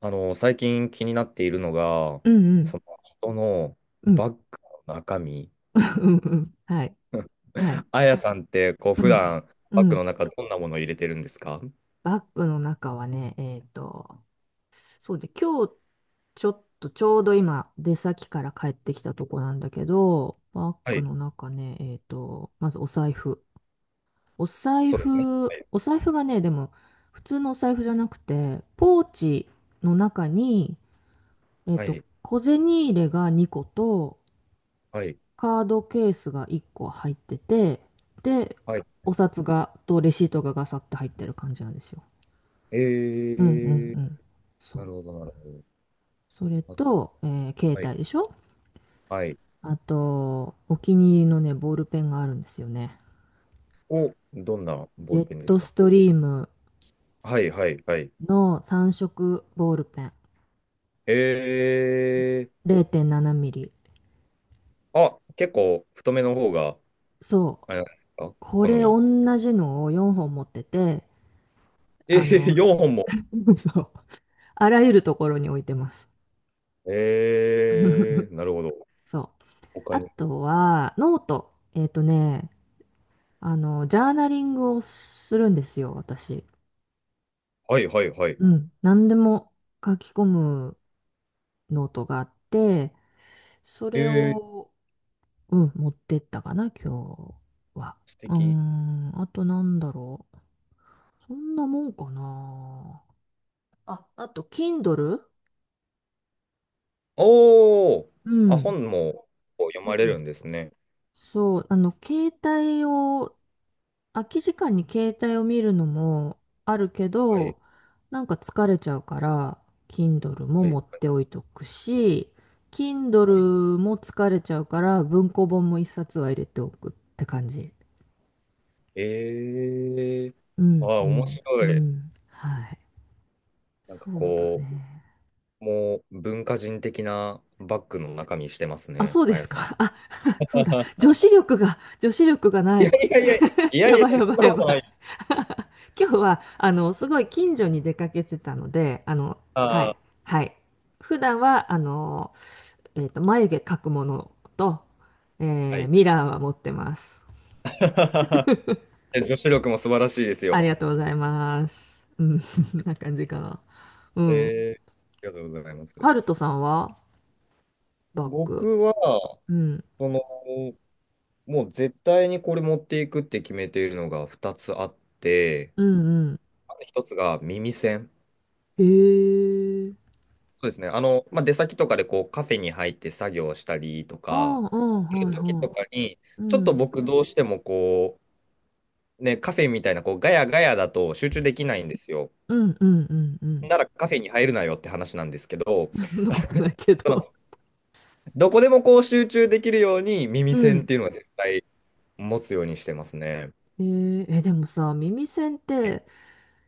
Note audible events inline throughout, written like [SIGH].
最近気になっているのが、うんうん。その人のうん バッグの中身。[LAUGHS]。うんうん。はい。はい。[LAUGHS] あやさんって、こう、う普ん。段うバッグん。の中どんなものを入れてるんですか？バッグの中はね、そうで、今日ちょっとちょうど今出先から帰ってきたとこなんだけど、バッはグい、の中ね、まずお財布。お財そうですね。布、はい、お財布がね、でも普通のお財布じゃなくて、ポーチの中に、はい、小銭入れが2個と、はい。カードケースが1個入ってて、で、はい。お札が、とレシートがガサって入ってる感じなんですよ。えうんうんうー、ん。そなう。るほど、なるそれほど。と、携あ、はい、帯でしょ？はい。あと、お気に入りのね、ボールペンがあるんですよね。お、どんなジボーェルッペンですトか？ストリームはい、はい、はい。の3色ボールペン。えー、0.7ミリ。あ、結構太めの方が、そう。あれなんですか、こ好れみ。同じのを4本持ってて、えあー、の、4本も。[LAUGHS] そう。あらゆるところに置いてます。えー、[LAUGHS] なるほど。そう。他あに。とは、ノート。ジャーナリングをするんですよ、私。はいはいはい。うん。何でも書き込むノートがあって、そえれー、を、うん、持ってったかな、今日は。素うー敵。ん、あとなんだろう。そんなもんかな。あ、あと、Kindle？ おー、うあ、ん。本もこう読うまれん。るんですね。そう、携帯を空き時間に携帯を見るのもあるけはいど、なんか疲れちゃうから、Kindle もはい持っはてい。おいとくし、Kindle も疲れちゃうから、文庫本も一冊は入れておくって感じ。えー、うあー、ん、う面ん、う白い。ん。はい。なんかそうだこね。う、もう文化人的なバッグの中身してますあ、ね、そうであやすさん。か。あ、[LAUGHS] そうだ。[LAUGHS] 女子力がないやい。いやいや、いややいや、ばいやそばんいなやこばい。とないです。[LAUGHS] 今日は、すごい近所に出かけてたので、あはい、ー、はい。普段は、眉毛描くものと、はい。ミラーは持ってます。[LAUGHS] え、女子力も素晴らしいですあよ。りがとうございます。うん、[LAUGHS] そんな感じかな。うん。えー、ありがとうございます。ハルトさんはバッグ？僕は、うん。その、もう絶対にこれ持っていくって決めているのが2つあって、うんうん。1つが耳栓。へえ。そうですね。まあ、出先とかでこうカフェに入って作業したりとあか、あ、うん、そはういいう時はとかに、い。うちょっとん。僕どうしてもこう、ね、カフェみたいなこうガヤガヤだと集中できないんですよ。うんうんうんうん。ならカフェに入るなよって話なんですけど、[LAUGHS] そんなことない [LAUGHS] けそど。の、どこでもこう集中できるようにう耳栓っん。ていうのは絶対持つようにしてますね。でもさ、耳栓って、[LAUGHS]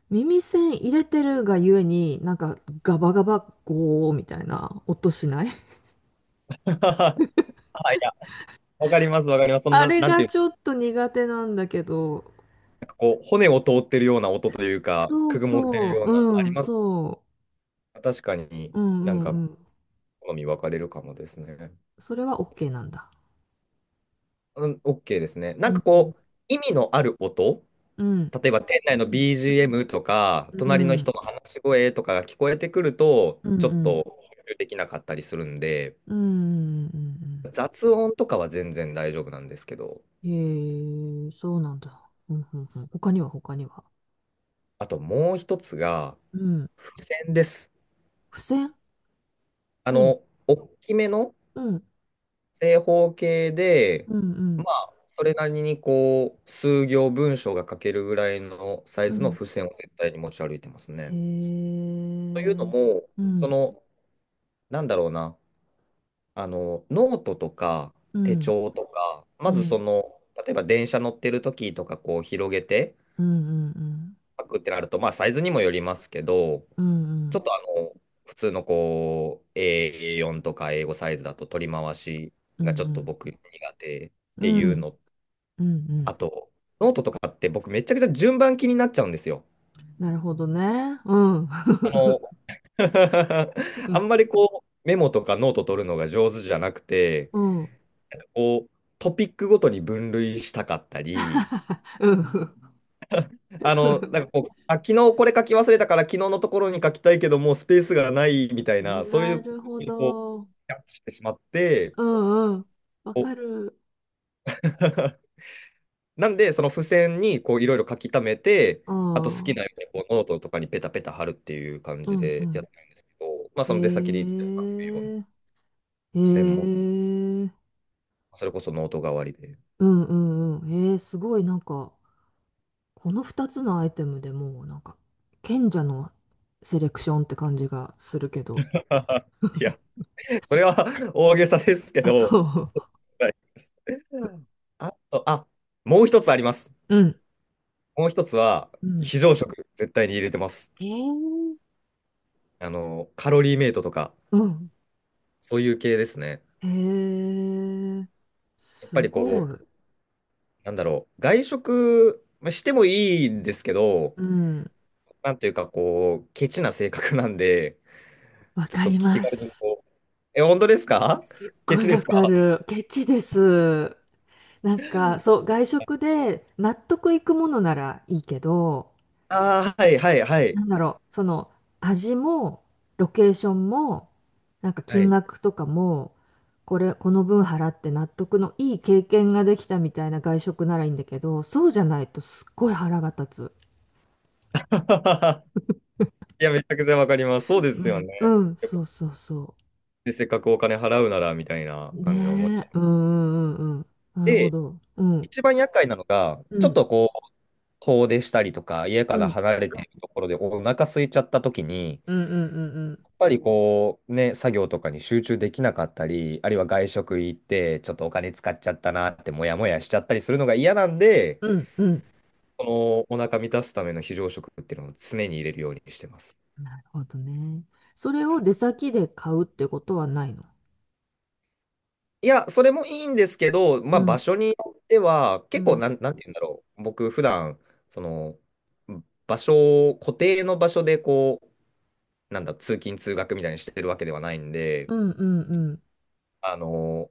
耳栓入れてるがゆえに、なんかガバガバゴーみたいな音しない？ [LAUGHS] はい、いや、わかります、わかります。そんあな、れなんてがいうちょっと苦手なんだけど、こう、骨を通ってるような音というか、そうくぐもってるそようう、な、うありん、ます。そ確かに。う、うんうんなんかうん。好み分かれるかもですね。それは OK なんだ。うん、OK ですね。なんうかん、こう、意味のある音、うん、例えば店内うの ん、BGM とか、う隣のん、人の話し声とかが聞こえてくると、うん、ちょっうん、と集中できなかったりするんで、うん、うん、雑音とかは全然大丈夫なんですけど、うん。へえ、そうなんだ。うん、うん、うん。他には、他には？あともう一つが、うん。付箋です。付箋？あうん、の、大きめのうん、正方形で、うん、うまん。あ、それなりにこう、数行文章が書けるぐらいのサイうズのん。付箋を絶対に持ち歩いてますへえ。うね。というのん、も、うそん、の、なんだろうな、ノートとかう手ん、帳とか、うまずそん、の、例えば電車乗ってる時とか、こう、広げてうん、書くってなると、まあ、サイズにもよりますけど、うん、うん、うちょっん、とあの、普通のこう、A4 とか英語サイズだと取り回しうん、がちょうっとん、僕苦手。っていうのうん、うん。あと、ノートとかって僕めちゃくちゃ順番気になっちゃうんですよ。なるほどね。うん、あの、[LAUGHS] あ [LAUGHS] んまりこうメモとかノート取るのが上手じゃなくて、うん、うん、こうトピックごとに分類したかったり、うん。あの、なんかこ [LAUGHS] う、あ、昨日これ書き忘れたから昨日のところに書きたいけどもうスペースがないみたいな、そういなう、るほこう、ど。キャッチしてしまって、うん、うん。わこう かる。[LAUGHS] なんで、その付箋にこういろいろ書き溜めて、うあと好ん、きうん、なようにこうノートとかにペタペタ貼るっていう感じうでやっん。てるんですけど、まあその出先でいつへでも書けるようにえ。へ付箋も、え。それこそノート代わりで。うん、うん、うん。へえ、すごい、なんか、この2つのアイテムでもうなんか賢者のセレクションって感じがするけど。[LAUGHS] いや、それは [LAUGHS] 大げさですけあ、ど、そはい。あと、あ、もう一つあります。う。[LAUGHS] うん。もう一つは、うん。非常食、絶対に入れてます。えー、あの、カロリーメイトとか、うん。そういう系ですね。へえ、やっぱすりこごい。う、なんだろう、外食まあしてもいいんですけど、うん。なんというか、こう、ケチな性格なんで、[LAUGHS] わちょっかとり気ま軽にす。こう、え、本当ですか？すっケごチいでわすかか？る。ケチです。なんか、そう、外食で納得いくものならいいけど、ああー、はい、はい、はい。なんだろう、その味も、ロケーションも、なんかは金い。額とかも、これこの分払って納得のいい経験ができたみたいな外食ならいいんだけど、そうじゃないとすっごい腹が立つ。[LAUGHS] いや、めちゃくちゃわかります。そうでうすよんうね。んやっぱそうそうそで、せっかくお金払うなら、みたいなう。感じで思っちねゃえ。う。うんうんうんうん、なるほで、ど。うん一番厄介なのが、うちょっんとこう、遠出したりとか、家うからん離れてるところでお腹空いちゃった時に、うんうんうんぱりこうね、作業とかに集中できなかったり、あるいは外食行って、ちょっとお金使っちゃったなってモヤモヤしちゃったりするのが嫌なんで、うんうんうん、そのお腹満たすための非常食っていうのを常に入れるようにしてます。なるほどね。それを出先で買うってことはないの？いや、それもいいんですけど、うまあ場ん所によっては、う結構んなん、なんて言うんだろう。僕普段、その、場所を、固定の場所でこう、なんだ、通勤通学みたいにしてるわけではないんで、うんうんうん。あの、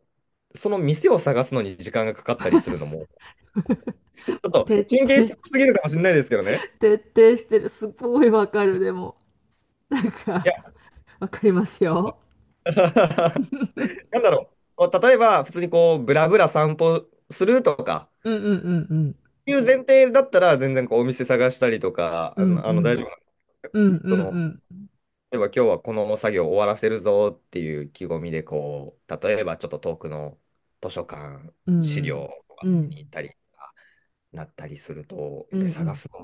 その店を探すのに時間がかかったりするのも、ちょっと徹神経底質すぎるかもしれないですけどね。徹底してる。すごいわかる、でも。なんいか、や、わかりますよ。[LAUGHS] なんだろう。こう例えば、普通にこう、ブラブラ散歩するとか、うんうんうんうん。いう前提だったら、全然こう、お店探したりとか、うあんの、うあの大ん丈夫なんでうんす。その、うん例えば今日はこの作業終わらせるぞっていう意気込みで、こう、例えばちょっと遠くの図書館、う資んう料んをう集めに行っんたりとかなったりすると、やうっぱり探んすの、や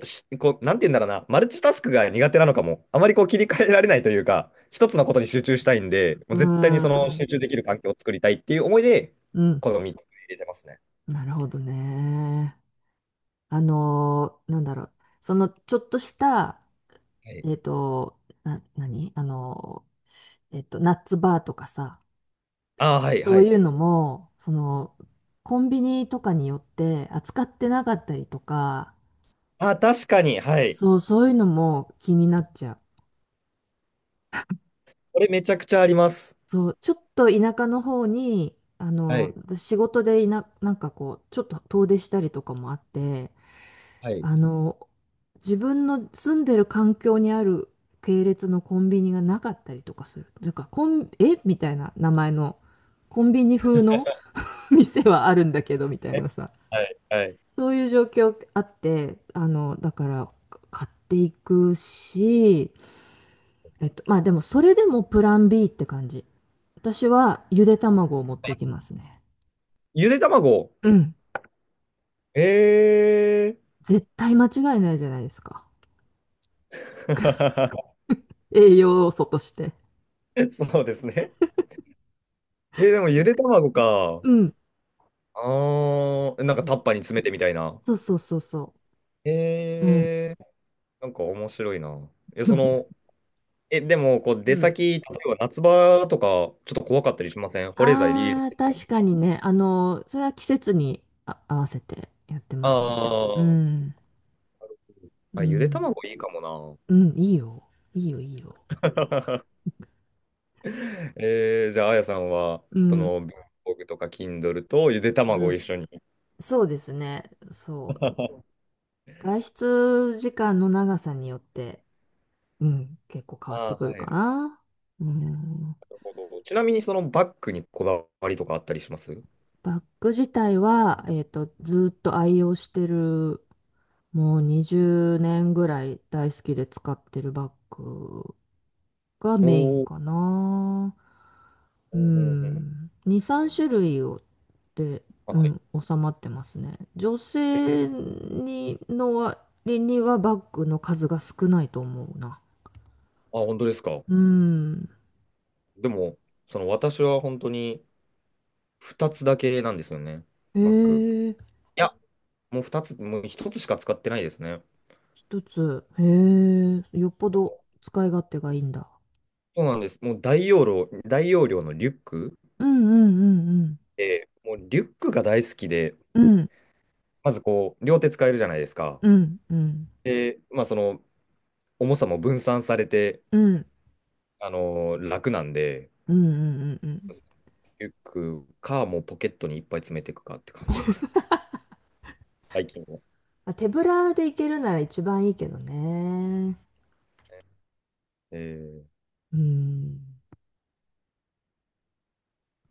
っぱしこう、なんて言うんだろうな、マルチタスクが苦手なのかも、あまりこう切り替えられないというか、一つのことに集中したいんで、もうう絶対にその集ん中できる環境を作りたいっていう思いで、うん、この3つ入れてますね。なるほどね。なんだろう。ちょっとした、はい、何ナッツバーとかさ、ああ、はい、そはうい。いうのも、コンビニとかによって扱ってなかったりとか、ああ、確かに、はい。そう、そういうのも気になっちゃう。それめちゃくちゃあります。そう、ちょっと田舎の方に、はい、仕事でなんかこう、ちょっと遠出したりとかもあって、はい。あの、自分の住んでる環境にある系列のコンビニがなかったりとかする。とか、コン、えみたいな名前の、コンビニ風の [LAUGHS] 店はあるんだけど、みたいえ、なさ。はい、はい。そういう状況あって、だから、買っていくし、まあでも、それでもプラン B って感じ。私はゆで卵を持っていきますね。ゆで卵。うん。え絶対間違いないじゃないですか。ー。栄養素として。[LAUGHS] そうですね。えー、でもゆで卵か。うん。あー、なんかタッパーに詰めてみたいな。そうそうそうそう。うん。えー、なんか面白いな。え、そ [LAUGHS] の、え、でも、こう、う出ん。先、例えば夏場とか、ちょっと怖かったりしません、保冷剤リール。ああ、確かにね。それは季節に合わせてやってあますね。うー、ん。うあ、ゆで卵ん。いいかもな。うん、いいよ。いいよ、いいよ。[LAUGHS] えー、じゃあ、あやさんは、うそん。の、文房具とか Kindle とゆで卵うを一ん。緒に。そうですね。そう。[LAUGHS] 外出時間の長さによって、うん、結構変あわってあ、くはるい。かなるな。うん。ほど。ちなみに、そのバッグにこだわりとかあったりします？バッグ自体は、ずーっと愛用してる、もう20年ぐらい大好きで使ってるバッグがおメインー。かな。ううんうんうんん。2、3うん。種類を、で、あ、うはい。ん、収まってますね。女えー。性にの割にはバッグの数が少ないと思うな。あ、本当ですか。うん。でも、その私は本当に、2つだけなんですよね、へバッグ。え、いや、もう2つ、もう1つしか使ってないですね。一つ。へえ、よっぽど使い勝手がいいんだ。そうなんです。もう大容量、大容量のリュックうんうんうんうん。で、もうリュックが大好きで、うんまずこう、両手使えるじゃないですか。うん、うん、で、まあその、重さも分散されて、うん、あのー楽なんで、うん、うん、うん、うん。リュックか、もうポケットにいっぱい詰めていくかって感じですね、最近は。まあ手ぶらで行けるなら一番いいけどね。えーうん。